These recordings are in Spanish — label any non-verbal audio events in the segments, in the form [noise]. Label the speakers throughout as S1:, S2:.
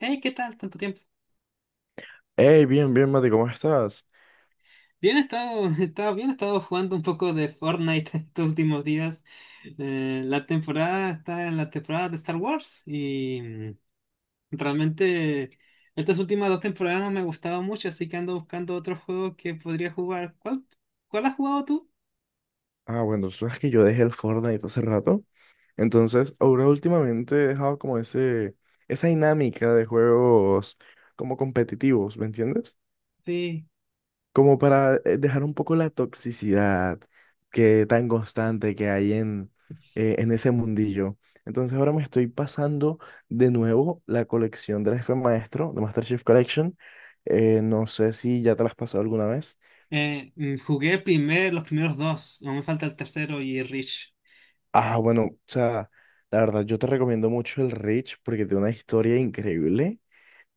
S1: Hey, ¿qué tal? Tanto tiempo.
S2: Hey, bien, bien, Mati, ¿cómo estás?
S1: Bien, [laughs] he estado bien, he estado jugando un poco de Fortnite [laughs] estos últimos días. La temporada está en la temporada de Star Wars y realmente estas últimas dos temporadas no me gustaban mucho, así que ando buscando otro juego que podría jugar. ¿Cuál has jugado tú?
S2: Ah, bueno, tú sabes que yo dejé el Fortnite hace rato. Entonces, ahora últimamente he dejado como ese, esa dinámica de juegos como competitivos, ¿me entiendes?
S1: Sí.
S2: Como para dejar un poco la toxicidad que tan constante que hay en ese mundillo. Entonces, ahora me estoy pasando de nuevo la colección del jefe maestro, de MasterChef Collection. No sé si ya te la has pasado alguna vez.
S1: Jugué los primeros dos, aún me falta el tercero y Reach.
S2: Ah, bueno, o sea, la verdad, yo te recomiendo mucho el Rich porque tiene una historia increíble.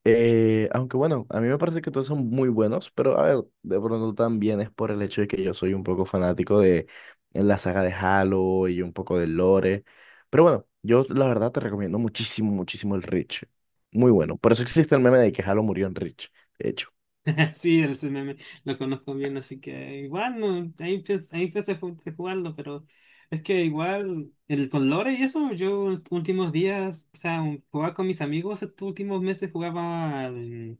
S2: Aunque bueno, a mí me parece que todos son muy buenos, pero a ver, de pronto también es por el hecho de que yo soy un poco fanático de en la saga de Halo y un poco del lore. Pero bueno, yo la verdad te recomiendo muchísimo el Rich. Muy bueno. Por eso existe el meme de que Halo murió en Rich, de hecho.
S1: [laughs] Sí, el ese meme lo conozco bien, así que igual no, ahí ahí empecé a jugarlo, pero es que igual el con lore y eso, yo los últimos días, o sea, jugaba con mis amigos, estos últimos meses jugaba al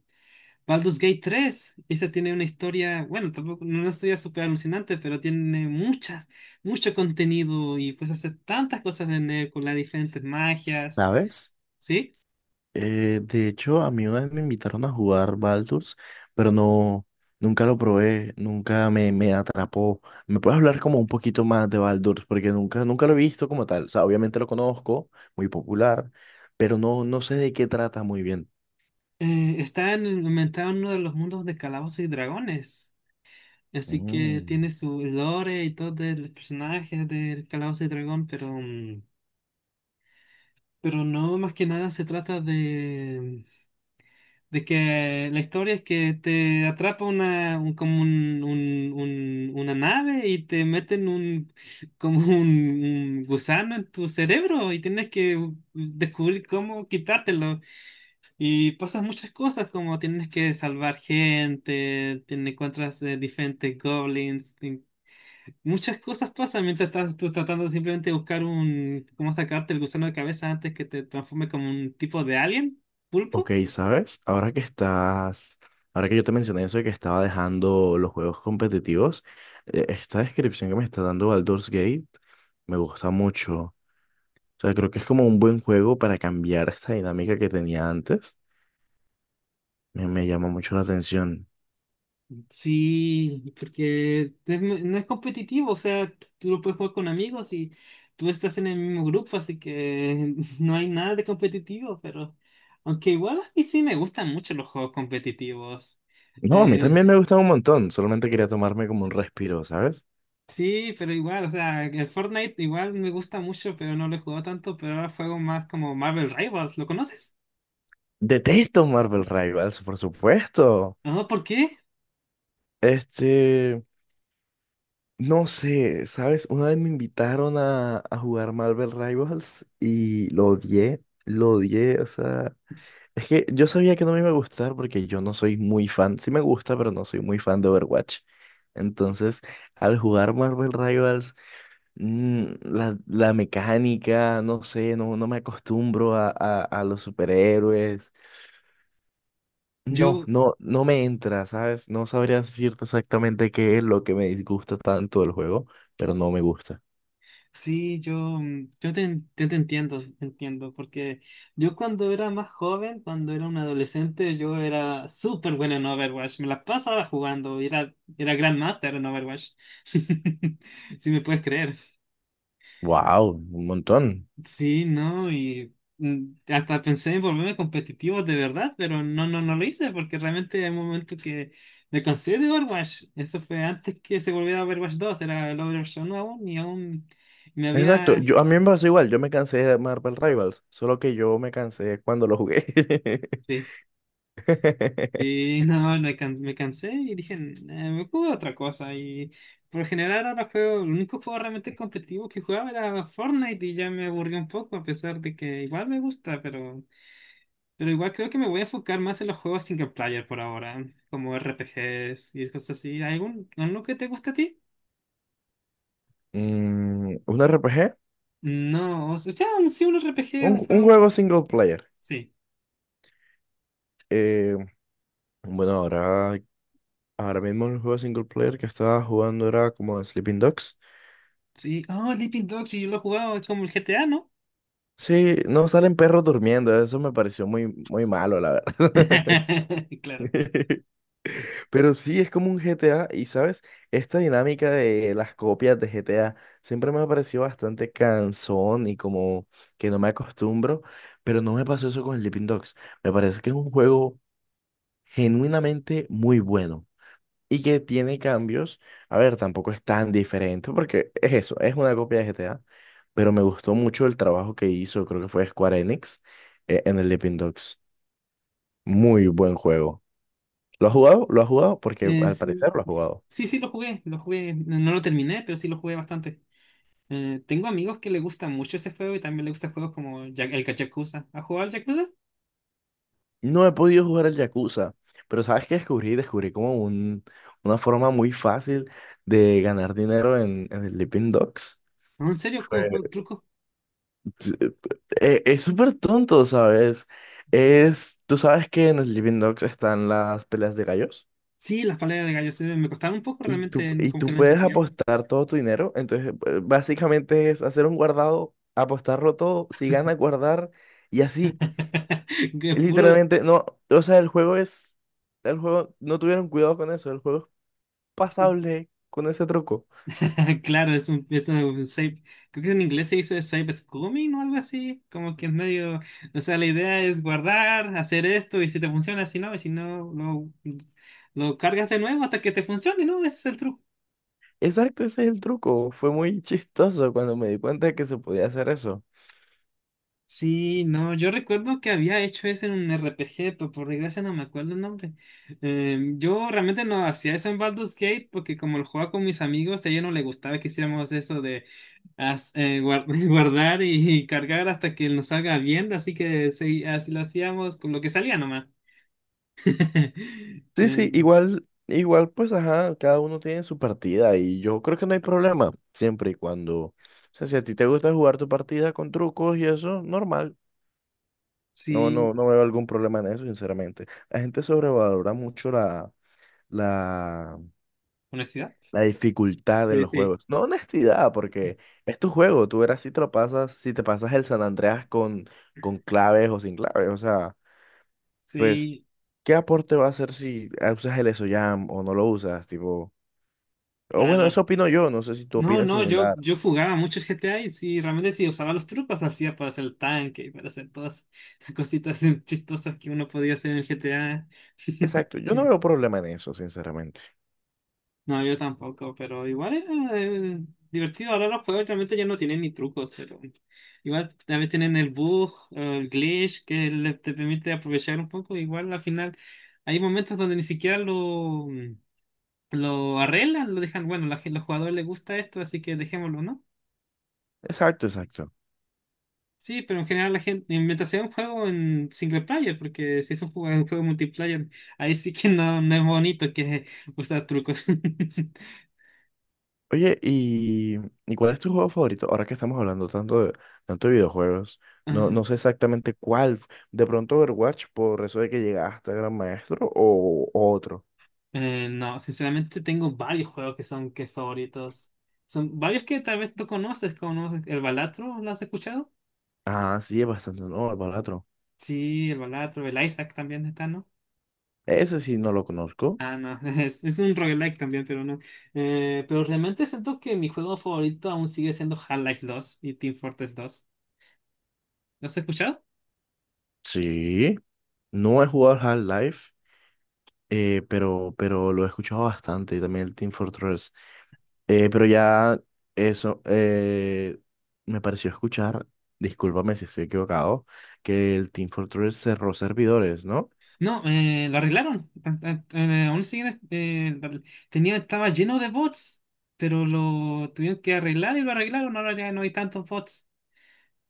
S1: Baldur's Gate 3, y esa tiene una historia, bueno, tampoco, no es una historia súper alucinante, pero tiene mucho contenido y puedes hacer tantas cosas en él con las diferentes magias,
S2: ¿Sabes?
S1: ¿sí?
S2: De hecho, a mí una vez me invitaron a jugar Baldur's, pero no, nunca lo probé, nunca me, me atrapó. ¿Me puedes hablar como un poquito más de Baldur's? Porque nunca lo he visto como tal. O sea, obviamente lo conozco, muy popular, pero no, no sé de qué trata muy bien.
S1: Está inventado en uno de los mundos de Calabozos y Dragones. Así que
S2: Mm.
S1: tiene su lore y todo de los personajes del Calabozo y Dragón, pero, pero no, más que nada se trata de, que la historia es que te atrapa como una nave y te meten [laughs] como un gusano en tu cerebro y tienes que descubrir cómo quitártelo. Y pasan muchas cosas como tienes que salvar gente, te encuentras diferentes goblins. Muchas cosas pasan mientras estás tú tratando simplemente de buscar cómo sacarte el gusano de cabeza antes que te transforme como un tipo de alien,
S2: Ok,
S1: pulpo.
S2: ¿sabes? Ahora que yo te mencioné eso de que estaba dejando los juegos competitivos, esta descripción que me está dando Baldur's Gate me gusta mucho. O sea, creo que es como un buen juego para cambiar esta dinámica que tenía antes. Me llama mucho la atención.
S1: Sí, porque no es competitivo, o sea, tú lo puedes jugar con amigos y tú estás en el mismo grupo, así que [laughs] no hay nada de competitivo, pero aunque igual a mí sí me gustan mucho los juegos competitivos.
S2: No, a mí
S1: Eh,
S2: también me gusta un montón. Solamente quería tomarme como un respiro, ¿sabes?
S1: sí, pero igual, o sea, el Fortnite igual me gusta mucho, pero no lo he jugado tanto, pero ahora juego más como Marvel Rivals, ¿lo conoces?
S2: Detesto Marvel Rivals, por supuesto.
S1: Ah, ¿por qué?
S2: Este, no sé, ¿sabes? Una vez me invitaron a jugar Marvel Rivals y lo odié, o sea, es que yo sabía que no me iba a gustar porque yo no soy muy fan, sí me gusta, pero no soy muy fan de Overwatch. Entonces, al jugar Marvel Rivals, mm, la mecánica, no sé, no me acostumbro a los superhéroes.
S1: Yo,
S2: No me entra, ¿sabes? No sabría decirte exactamente qué es lo que me disgusta tanto del juego, pero no me gusta.
S1: sí, yo, mm, yo te, en- te entiendo, porque yo cuando era más joven, cuando era un adolescente, yo era súper bueno en Overwatch, me la pasaba jugando, era Grandmaster en Overwatch, [laughs] si me puedes creer.
S2: Wow, un montón.
S1: Sí, no, y hasta pensé en volverme competitivo de verdad, pero no lo hice, porque realmente hay un momento que me cansé de Overwatch. Eso fue antes que se volviera Overwatch 2, era el Overwatch 1 aún, y aún... Me
S2: Exacto,
S1: había.
S2: yo a mí me pasó igual, yo me cansé de Marvel Rivals, solo que yo me cansé cuando lo jugué.
S1: Sí,
S2: [laughs]
S1: y no, me cansé y dije, "Nah, me puedo otra cosa". Y por lo general ahora juego, el único juego realmente competitivo que jugaba era Fortnite y ya me aburrió un poco, a pesar de que igual me gusta, pero igual creo que me voy a enfocar más en los juegos single player por ahora, como RPGs y cosas así. ¿Alguno que te guste a ti?
S2: Mm, ¿un RPG?
S1: No, o sea, sí, un RPG, un
S2: Un
S1: juego.
S2: juego single player.
S1: Sí,
S2: Eh, bueno, ahora mismo el juego single player que estaba jugando era como Sleeping Dogs.
S1: sí. Oh, Sleeping Dogs, y yo lo he jugado, es como el GTA, ¿no?
S2: Sí, no salen perros durmiendo, eso me pareció muy malo, la verdad.
S1: [laughs] Claro.
S2: [laughs]
S1: Sí.
S2: Pero sí, es como un GTA y, ¿sabes? Esta dinámica de las copias de GTA siempre me ha parecido bastante cansón y como que no me acostumbro, pero no me pasó eso con Sleeping Dogs. Me parece que es un juego genuinamente muy bueno y que tiene cambios. A ver, tampoco es tan diferente porque es eso, es una copia de GTA, pero me gustó mucho el trabajo que hizo, creo que fue Square Enix, en el Sleeping Dogs. Muy buen juego. ¿Lo has jugado? Porque
S1: Eh,
S2: al parecer
S1: sí,
S2: lo has
S1: sí,
S2: jugado.
S1: sí sí lo jugué, no lo terminé, pero sí lo jugué bastante. Tengo amigos que les gusta mucho ese juego y también les gustan juegos como el Yakuza. ¿Has jugado al Yakuza?
S2: No he podido jugar el Yakuza, pero ¿sabes qué descubrí? Descubrí como un, una forma muy fácil de ganar dinero en el Sleeping Dogs.
S1: ¿No? ¿En serio? ¿Con,
S2: Fue-
S1: con truco?
S2: t- Es súper tonto, ¿sabes? Es, tú sabes que en el Sleeping Dogs están las peleas de gallos.
S1: Sí, las peleas de gallos me costaban un poco, realmente
S2: Y
S1: como que
S2: tú
S1: no
S2: puedes
S1: entendía.
S2: apostar todo tu dinero. Entonces, básicamente es hacer un guardado, apostarlo todo, si ganas, guardar y así.
S1: [laughs] Que puro.
S2: Literalmente, no, o sea, el juego, no tuvieron cuidado con eso, el juego es pasable con ese truco.
S1: [laughs] Claro, safe- creo que en inglés se dice safe scumming o algo así, como que es medio, o sea, la idea es guardar, hacer esto y si te funciona, si no, y si no, lo cargas de nuevo hasta que te funcione, ¿no? Ese es el truco.
S2: Exacto, ese es el truco. Fue muy [laughs] chistoso cuando me di cuenta de que se podía hacer eso.
S1: Sí, no, yo recuerdo que había hecho eso en un RPG, pero por desgracia no me acuerdo el nombre. Yo realmente no hacía eso en Baldur's Gate porque como lo jugaba con mis amigos, a ella no le gustaba que hiciéramos eso de [laughs] guardar y cargar hasta que nos salga bien, así que sí, así lo hacíamos con lo que salía nomás. [laughs]
S2: Sí, sí,
S1: Eh,
S2: igual, igual, pues, ajá, cada uno tiene su partida y yo creo que no hay problema, siempre y cuando... O sea, si a ti te gusta jugar tu partida con trucos y eso, normal.
S1: sí,
S2: No veo algún problema en eso, sinceramente. La gente sobrevalora mucho la,
S1: honestidad.
S2: la dificultad en
S1: Sí,
S2: los
S1: sí.
S2: juegos. No honestidad, porque es tu juego. Tú verás si te lo pasas, si te pasas el San Andreas con claves o sin claves. O sea, pues,
S1: Sí,
S2: ¿qué aporte va a hacer si usas el EsoJam o no lo usas? Tipo, o bueno,
S1: claro.
S2: eso opino yo. No sé si tú
S1: No,
S2: opinas
S1: no, yo,
S2: similar.
S1: yo jugaba mucho GTA y sí, realmente sí usaba los trucos, hacía para hacer el tanque y para hacer todas [laughs] las cositas chistosas que uno podía hacer en el GTA.
S2: Exacto.
S1: [laughs]
S2: Yo no veo problema en eso, sinceramente.
S1: No, yo tampoco, pero igual era eh, divertido. Ahora los juegos realmente ya no tienen ni trucos, pero igual también tienen el bug, el glitch que te permite aprovechar un poco. Igual al final hay momentos donde ni siquiera lo arreglan, lo dejan, bueno, los jugadores les gusta esto, así que dejémoslo, ¿no?
S2: Exacto, exacto.
S1: Sí, pero en general la gente, mientras sea un juego en single player, porque si es un juego, multiplayer, ahí sí que no, no es bonito que usar trucos. [laughs]
S2: Oye, y, ¿Y cuál es tu juego favorito? Ahora que estamos hablando tanto de videojuegos, no,
S1: Ah,
S2: no sé exactamente cuál. De pronto Overwatch, por eso de que llegaste a Gran Maestro, o otro.
S1: no, sinceramente tengo varios juegos que son que favoritos. Son varios que tal vez tú conoces, como no, el Balatro, ¿lo has escuchado?
S2: Ah, sí, es bastante nuevo el Balatro.
S1: Sí, el Balatro, el Isaac también está, ¿no?
S2: Ese sí no lo conozco.
S1: Ah, no, [laughs] es un roguelike también, pero no. Pero realmente siento que mi juego favorito aún sigue siendo Half-Life 2 y Team Fortress 2. ¿Lo has escuchado?
S2: Sí, no he jugado al Half-Life, pero lo he escuchado bastante. Y también el Team Fortress. Pero ya eso, eh, me pareció escuchar, discúlpame si estoy equivocado, que el Team Fortress cerró servidores, ¿no?
S1: No, lo arreglaron. Estaba lleno de bots, pero lo tuvieron que arreglar y lo arreglaron. Ahora ya no hay tantos bots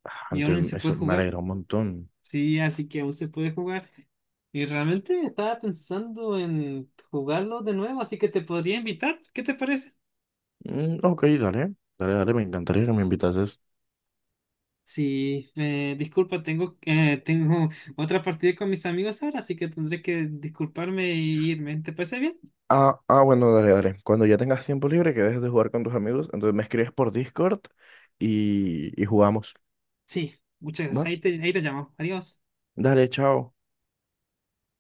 S2: Ah,
S1: y aún
S2: entonces,
S1: se puede
S2: eso me
S1: jugar.
S2: alegra un montón.
S1: Sí, así que aún se puede jugar. Y realmente estaba pensando en jugarlo de nuevo, así que te podría invitar. ¿Qué te parece?
S2: Mm, ok, dale, me encantaría que me invitases.
S1: Sí, disculpa, tengo otra partida con mis amigos ahora, así que tendré que disculparme e irme. ¿Te parece bien?
S2: Bueno, dale. Cuando ya tengas tiempo libre, que dejes de jugar con tus amigos, entonces me escribes por Discord y jugamos.
S1: Sí, muchas gracias.
S2: ¿Va?
S1: Ahí te llamo. Adiós.
S2: Dale, chao.